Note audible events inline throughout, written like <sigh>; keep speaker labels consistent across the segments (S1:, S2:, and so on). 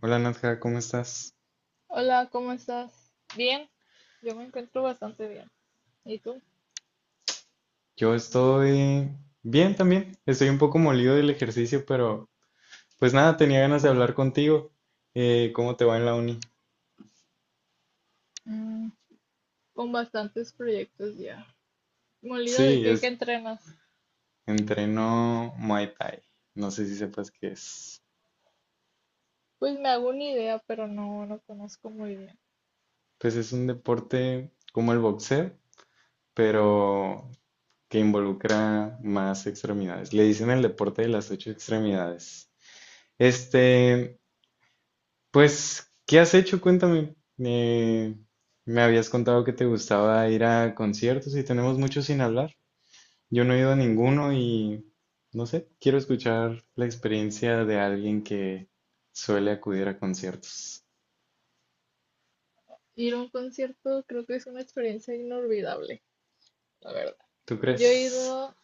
S1: Hola Nadja, ¿cómo estás?
S2: Hola, ¿cómo estás? Bien, yo me encuentro bastante bien. ¿Y tú?
S1: Yo estoy bien también. Estoy un poco molido del ejercicio, pero pues nada, tenía ganas de hablar contigo. ¿cómo te va en la uni?
S2: Mm, Con bastantes proyectos ya. ¿Molido de
S1: Sí,
S2: qué, qué
S1: es
S2: entrenas?
S1: entreno Muay Thai. No sé si sepas qué es.
S2: Pues me hago una idea, pero no, no conozco muy bien.
S1: Pues es un deporte como el boxeo, pero que involucra más extremidades. Le dicen el deporte de las ocho extremidades. Este, Pues, ¿qué has hecho? Cuéntame. Me habías contado que te gustaba ir a conciertos y tenemos mucho sin hablar. Yo no he ido a ninguno y no sé, quiero escuchar la experiencia de alguien que suele acudir a conciertos.
S2: Ir a un concierto creo que es una experiencia inolvidable, la verdad.
S1: ¿Tú
S2: Yo he
S1: crees?
S2: ido,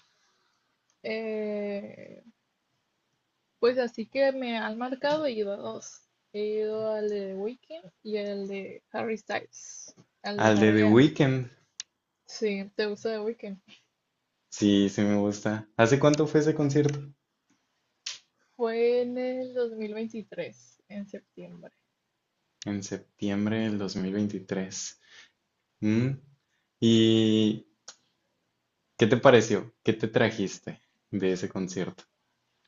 S2: eh, pues así que me han marcado, he ido a dos. He ido al de Weekend y al de Harry Styles. Al de
S1: Al de The
S2: Harry,
S1: Weeknd.
S2: sí, ¿te gusta The Weeknd?
S1: Sí, sí me gusta. ¿Hace cuánto fue ese concierto?
S2: Fue en el 2023 en septiembre.
S1: En septiembre del 2023. ¿Mm? ¿Y qué te pareció? ¿Qué te trajiste de ese concierto?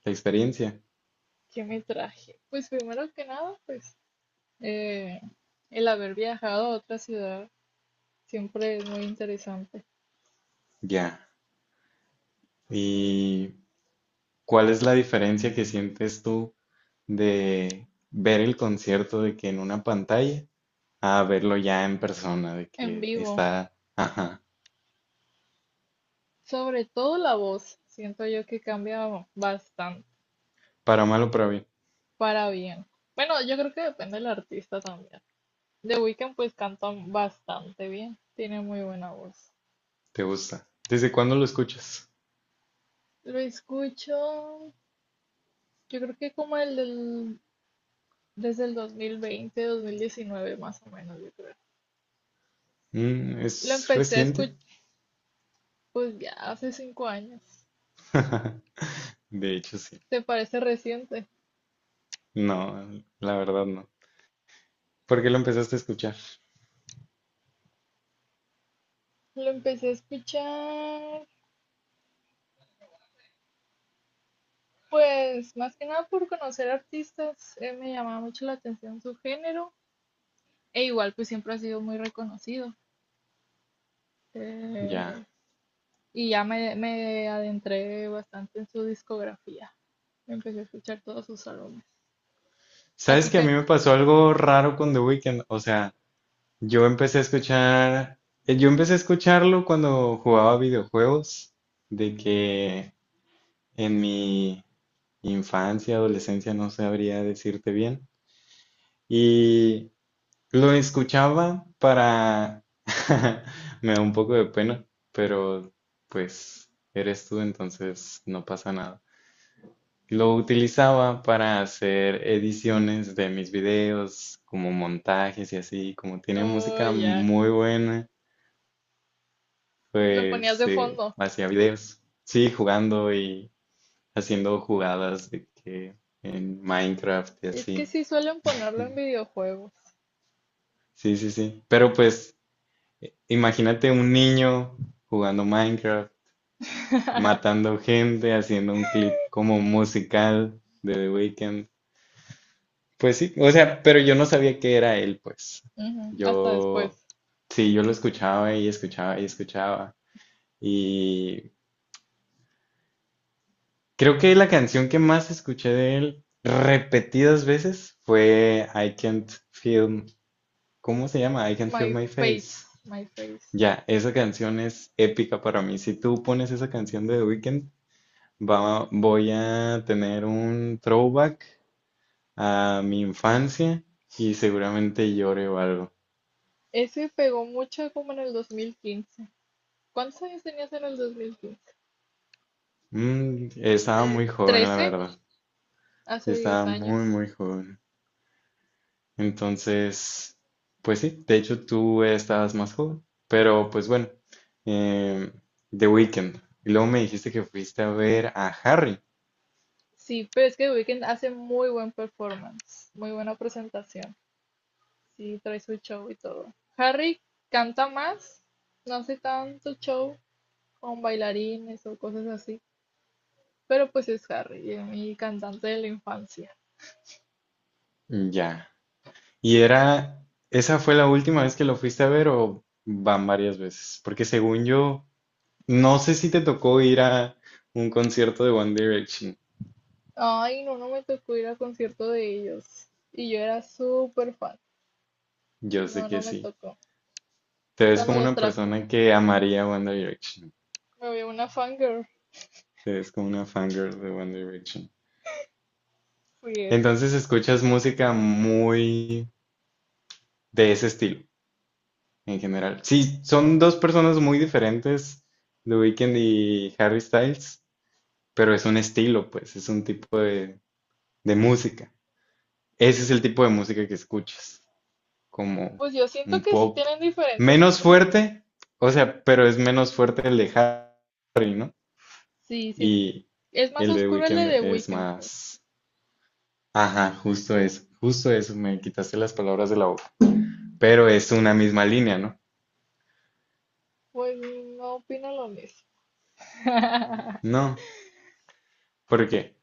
S1: La experiencia.
S2: ¿Qué me traje? Pues primero que nada, pues eh, el haber viajado a otra ciudad siempre es muy interesante,
S1: Ya.
S2: eh,
S1: ¿Y cuál es la diferencia que sientes tú de ver el concierto de que en una pantalla a verlo ya en persona, de
S2: en
S1: que
S2: vivo.
S1: está, ajá,
S2: Sobre todo la voz, siento yo que cambia bastante
S1: para mal o para bien,
S2: para bien. Bueno, yo creo que depende del artista también. The Weeknd pues canta bastante bien, tiene muy buena voz.
S1: te gusta? ¿Desde cuándo lo escuchas?
S2: Lo escucho, yo creo que como el del desde el 2020, 2019 más o menos, yo creo.
S1: Mm,
S2: Lo
S1: ¿es
S2: empecé a escuchar,
S1: reciente?
S2: pues ya hace 5 años.
S1: <laughs> De hecho, sí.
S2: ¿Te parece reciente?
S1: No, la verdad no. ¿Por qué lo empezaste a escuchar?
S2: Lo empecé a escuchar, pues más que nada por conocer artistas. Me llamaba mucho la atención su género. E igual, pues siempre ha sido muy reconocido. Eh,
S1: Ya.
S2: y ya me adentré bastante en su discografía. Empecé a escuchar todos sus álbumes. A
S1: ¿Sabes
S2: ti,
S1: que a mí
S2: qué-
S1: me pasó algo raro con The Weeknd? O sea, yo empecé a escuchar, yo empecé a escucharlo cuando jugaba videojuegos, de que en mi infancia, adolescencia, no sabría decirte bien, y lo escuchaba para, <laughs> me da un poco de pena, pero pues eres tú, entonces no pasa nada. Lo utilizaba para hacer ediciones de mis videos, como montajes y así, como tiene
S2: Oh,
S1: música
S2: ya.
S1: muy buena.
S2: Lo ponías
S1: Pues
S2: de fondo.
S1: hacía videos, sí, jugando y haciendo jugadas de que en Minecraft y
S2: Es que
S1: así.
S2: sí suelen ponerlo en
S1: <laughs>
S2: videojuegos.
S1: Sí, sí, sí. Pero pues imagínate un niño jugando Minecraft,
S2: <laughs>
S1: matando gente, haciendo un clip como musical de The Weeknd. Pues sí, o sea, pero yo no sabía que era él, pues.
S2: Ujú, hasta después.
S1: Yo, sí, yo lo escuchaba y escuchaba y escuchaba. Y creo que la canción que más escuché de él repetidas veces fue I Can't Feel, ¿cómo se llama? I Can't Feel
S2: My
S1: My
S2: Face,
S1: Face.
S2: My Face.
S1: Ya, esa canción es épica para mí. Si tú pones esa canción de The Weeknd, voy a tener un throwback a mi infancia y seguramente llore o algo.
S2: Ese pegó mucho como en el 2015. ¿Cuántos años tenías en el 2015?
S1: Mm, estaba muy joven, la
S2: 13,
S1: verdad.
S2: hace 10
S1: Estaba
S2: años.
S1: muy, muy joven. Entonces, pues sí, de hecho tú estabas más joven, pero pues bueno, em, The Weeknd. Y luego me dijiste que fuiste a ver a Harry.
S2: Sí, pero es que The Weeknd hace muy buen performance, muy buena presentación. Sí, trae su show y todo. Harry canta más, no hace tanto show con bailarines o cosas así, pero pues es Harry, mi cantante de la infancia.
S1: Ya. ¿Y era, esa fue la última vez que lo fuiste a ver o van varias veces? Porque según yo, no sé si te tocó ir a un concierto de One Direction.
S2: Ay, no, no me tocó ir al concierto de ellos. Y yo era súper fan.
S1: Yo sé
S2: No, no
S1: que
S2: me
S1: sí.
S2: tocó.
S1: Te ves
S2: Cuando
S1: como
S2: los
S1: una
S2: trajo,
S1: persona que amaría One Direction.
S2: me vi una fangirl.
S1: Te ves como una fangirl de One Direction.
S2: Fui eso.
S1: Entonces escuchas música muy de ese estilo en general. Sí, son dos personas muy diferentes, The Weeknd y Harry Styles, pero es un estilo, pues, es un tipo de música. Ese es el tipo de música que escuchas, como
S2: Pues yo siento
S1: un
S2: que sí
S1: pop
S2: tienen diferentes
S1: menos
S2: tipos de música.
S1: fuerte, o sea, pero es menos fuerte el de Harry, ¿no?
S2: Sí, sí.
S1: Y
S2: Es más
S1: el de The
S2: oscuro el de The
S1: Weeknd es
S2: Weeknd, pues.
S1: más... Ajá, justo eso, me quitaste las palabras de la boca. Pero es una misma línea, ¿no?
S2: Pues no opino lo mismo. <laughs>
S1: No, ¿por qué?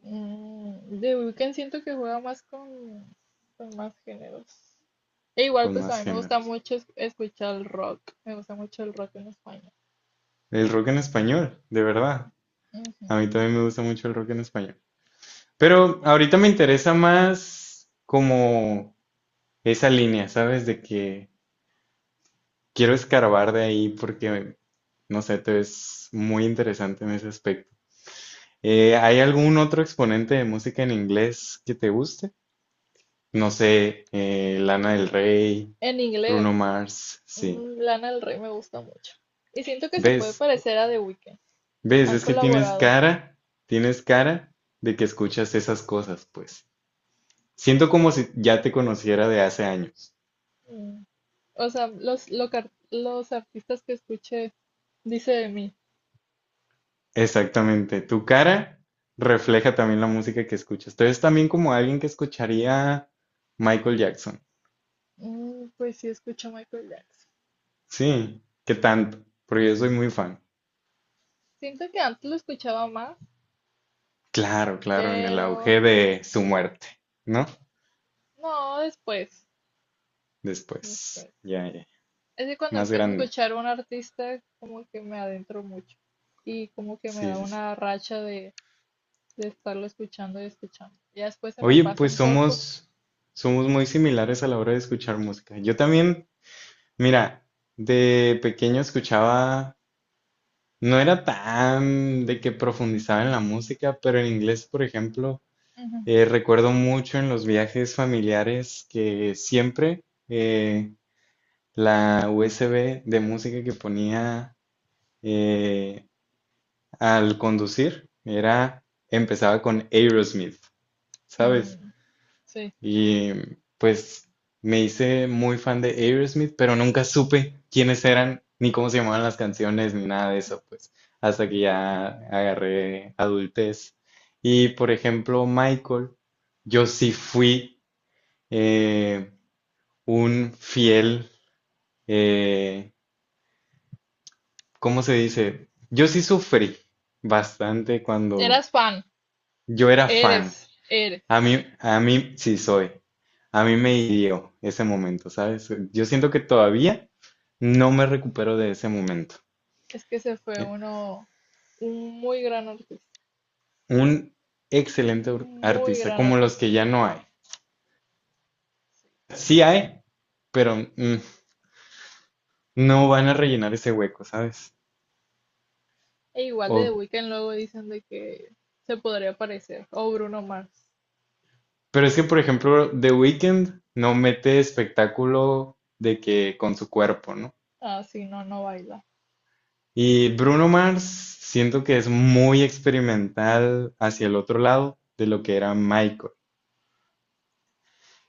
S2: The Weeknd siento que juega más con, más géneros. E igual,
S1: Con
S2: pues a
S1: más
S2: mí me gusta
S1: géneros.
S2: mucho escuchar el rock. Me gusta mucho el rock en español.
S1: El rock en español, de
S2: Sí.
S1: verdad. A
S2: Ujú.
S1: mí también me gusta mucho el rock en español. Pero ahorita me interesa más como esa línea, ¿sabes? De que quiero escarbar de ahí porque, no sé, te ves muy interesante en ese aspecto. ¿hay algún otro exponente de música en inglés que te guste? No sé, Lana del Rey,
S2: En
S1: Bruno
S2: inglés.
S1: Mars, sí.
S2: Lana del Rey me gusta mucho. Y siento que se puede
S1: ¿Ves?
S2: parecer a The Weeknd.
S1: ¿Ves?
S2: Han
S1: Es que
S2: colaborado.
S1: tienes cara de que escuchas esas cosas, pues. Siento como si ya te conociera de hace años.
S2: Mm, O sea, los artistas que escuché, dice de mí.
S1: Exactamente. Tu cara refleja también la música que escuchas. Entonces también como alguien que escucharía Michael Jackson.
S2: Pues sí, escucho a Michael Jackson.
S1: Sí, ¿qué tanto? Porque yo soy muy fan.
S2: Siento que antes lo escuchaba más,
S1: Claro, claro, en el
S2: pero
S1: auge de su muerte, ¿no?
S2: no, después.
S1: Después,
S2: Después.
S1: ya, ya,
S2: Es que cuando
S1: más
S2: empiezo a
S1: grande.
S2: escuchar a un artista, como que me adentro mucho. Y como que me
S1: Sí,
S2: da
S1: sí, sí.
S2: una racha de, estarlo escuchando y escuchando. Ya después se me
S1: Oye,
S2: pasa
S1: pues
S2: un poco.
S1: somos, somos muy similares a la hora de escuchar música. Yo también mira, de pequeño escuchaba, no era tan de que profundizaba en la música, pero en inglés, por ejemplo,
S2: Ujú.
S1: recuerdo mucho en los viajes familiares que siempre eh, la USB de música que ponía eh, al conducir era, empezaba con Aerosmith, ¿sabes?
S2: Mm, sí.
S1: Y pues me hice muy fan de Aerosmith, pero nunca supe quiénes eran, ni cómo se llamaban las canciones, ni nada de eso, pues, hasta que ya agarré adultez. Y por ejemplo, Michael, yo sí fui eh, un fiel, eh, ¿cómo se dice? Yo sí sufrí bastante cuando
S2: Eras fan,
S1: yo era fan.
S2: eres, eres.
S1: A mí, sí soy. A mí me hirió ese momento, ¿sabes? Yo siento que todavía no me recupero de ese momento.
S2: Es que se fue
S1: Eh,
S2: uno, un muy gran artista,
S1: Un excelente
S2: un muy
S1: artista,
S2: gran
S1: como los
S2: artista.
S1: que ya no hay.
S2: Sí.
S1: Sí hay, pero mm, no van a rellenar ese hueco, ¿sabes?
S2: E igual de The
S1: O,
S2: Weeknd luego dicen de que se podría parecer. O Bruno Mars.
S1: pero es que, por ejemplo, The Weeknd no mete espectáculo de que con su cuerpo, ¿no?
S2: Ah, sí, no, no baila.
S1: Y Bruno Mars siento que es muy experimental hacia el otro lado de lo que era Michael.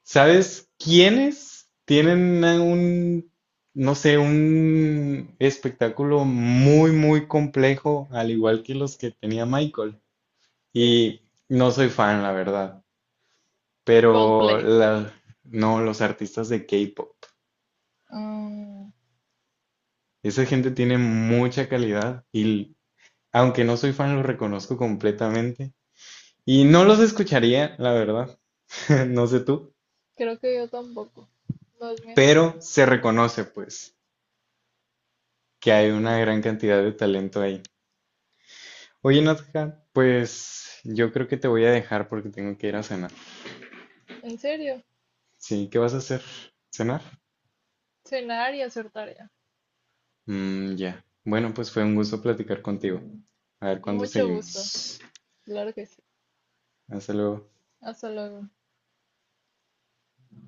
S1: ¿Sabes quiénes tienen a un, no sé, un espectáculo muy, muy complejo, al igual que los que tenía Michael?
S2: Yeah.
S1: Y no soy fan, la verdad, pero
S2: Coldplay.
S1: no, los artistas de K-pop.
S2: Mm,
S1: Esa gente tiene mucha calidad y aunque no soy fan, los reconozco completamente. Y no los escucharía, la verdad, <laughs> no sé tú,
S2: creo que yo tampoco. No es mi
S1: pero
S2: estilo.
S1: se reconoce pues que hay
S2: Sí,
S1: una gran
S2: sí.
S1: cantidad de talento ahí. Oye, Nadja, pues yo creo que te voy a dejar porque tengo que ir a cenar.
S2: ¿En serio?
S1: Sí, ¿qué vas a hacer? ¿Cenar?
S2: Cenar y hacer tarea.
S1: Mm, ya. Bueno, pues fue un gusto platicar contigo. A ver cuándo
S2: Mucho gusto.
S1: seguimos.
S2: Claro que sí.
S1: Hasta luego.
S2: Hasta luego.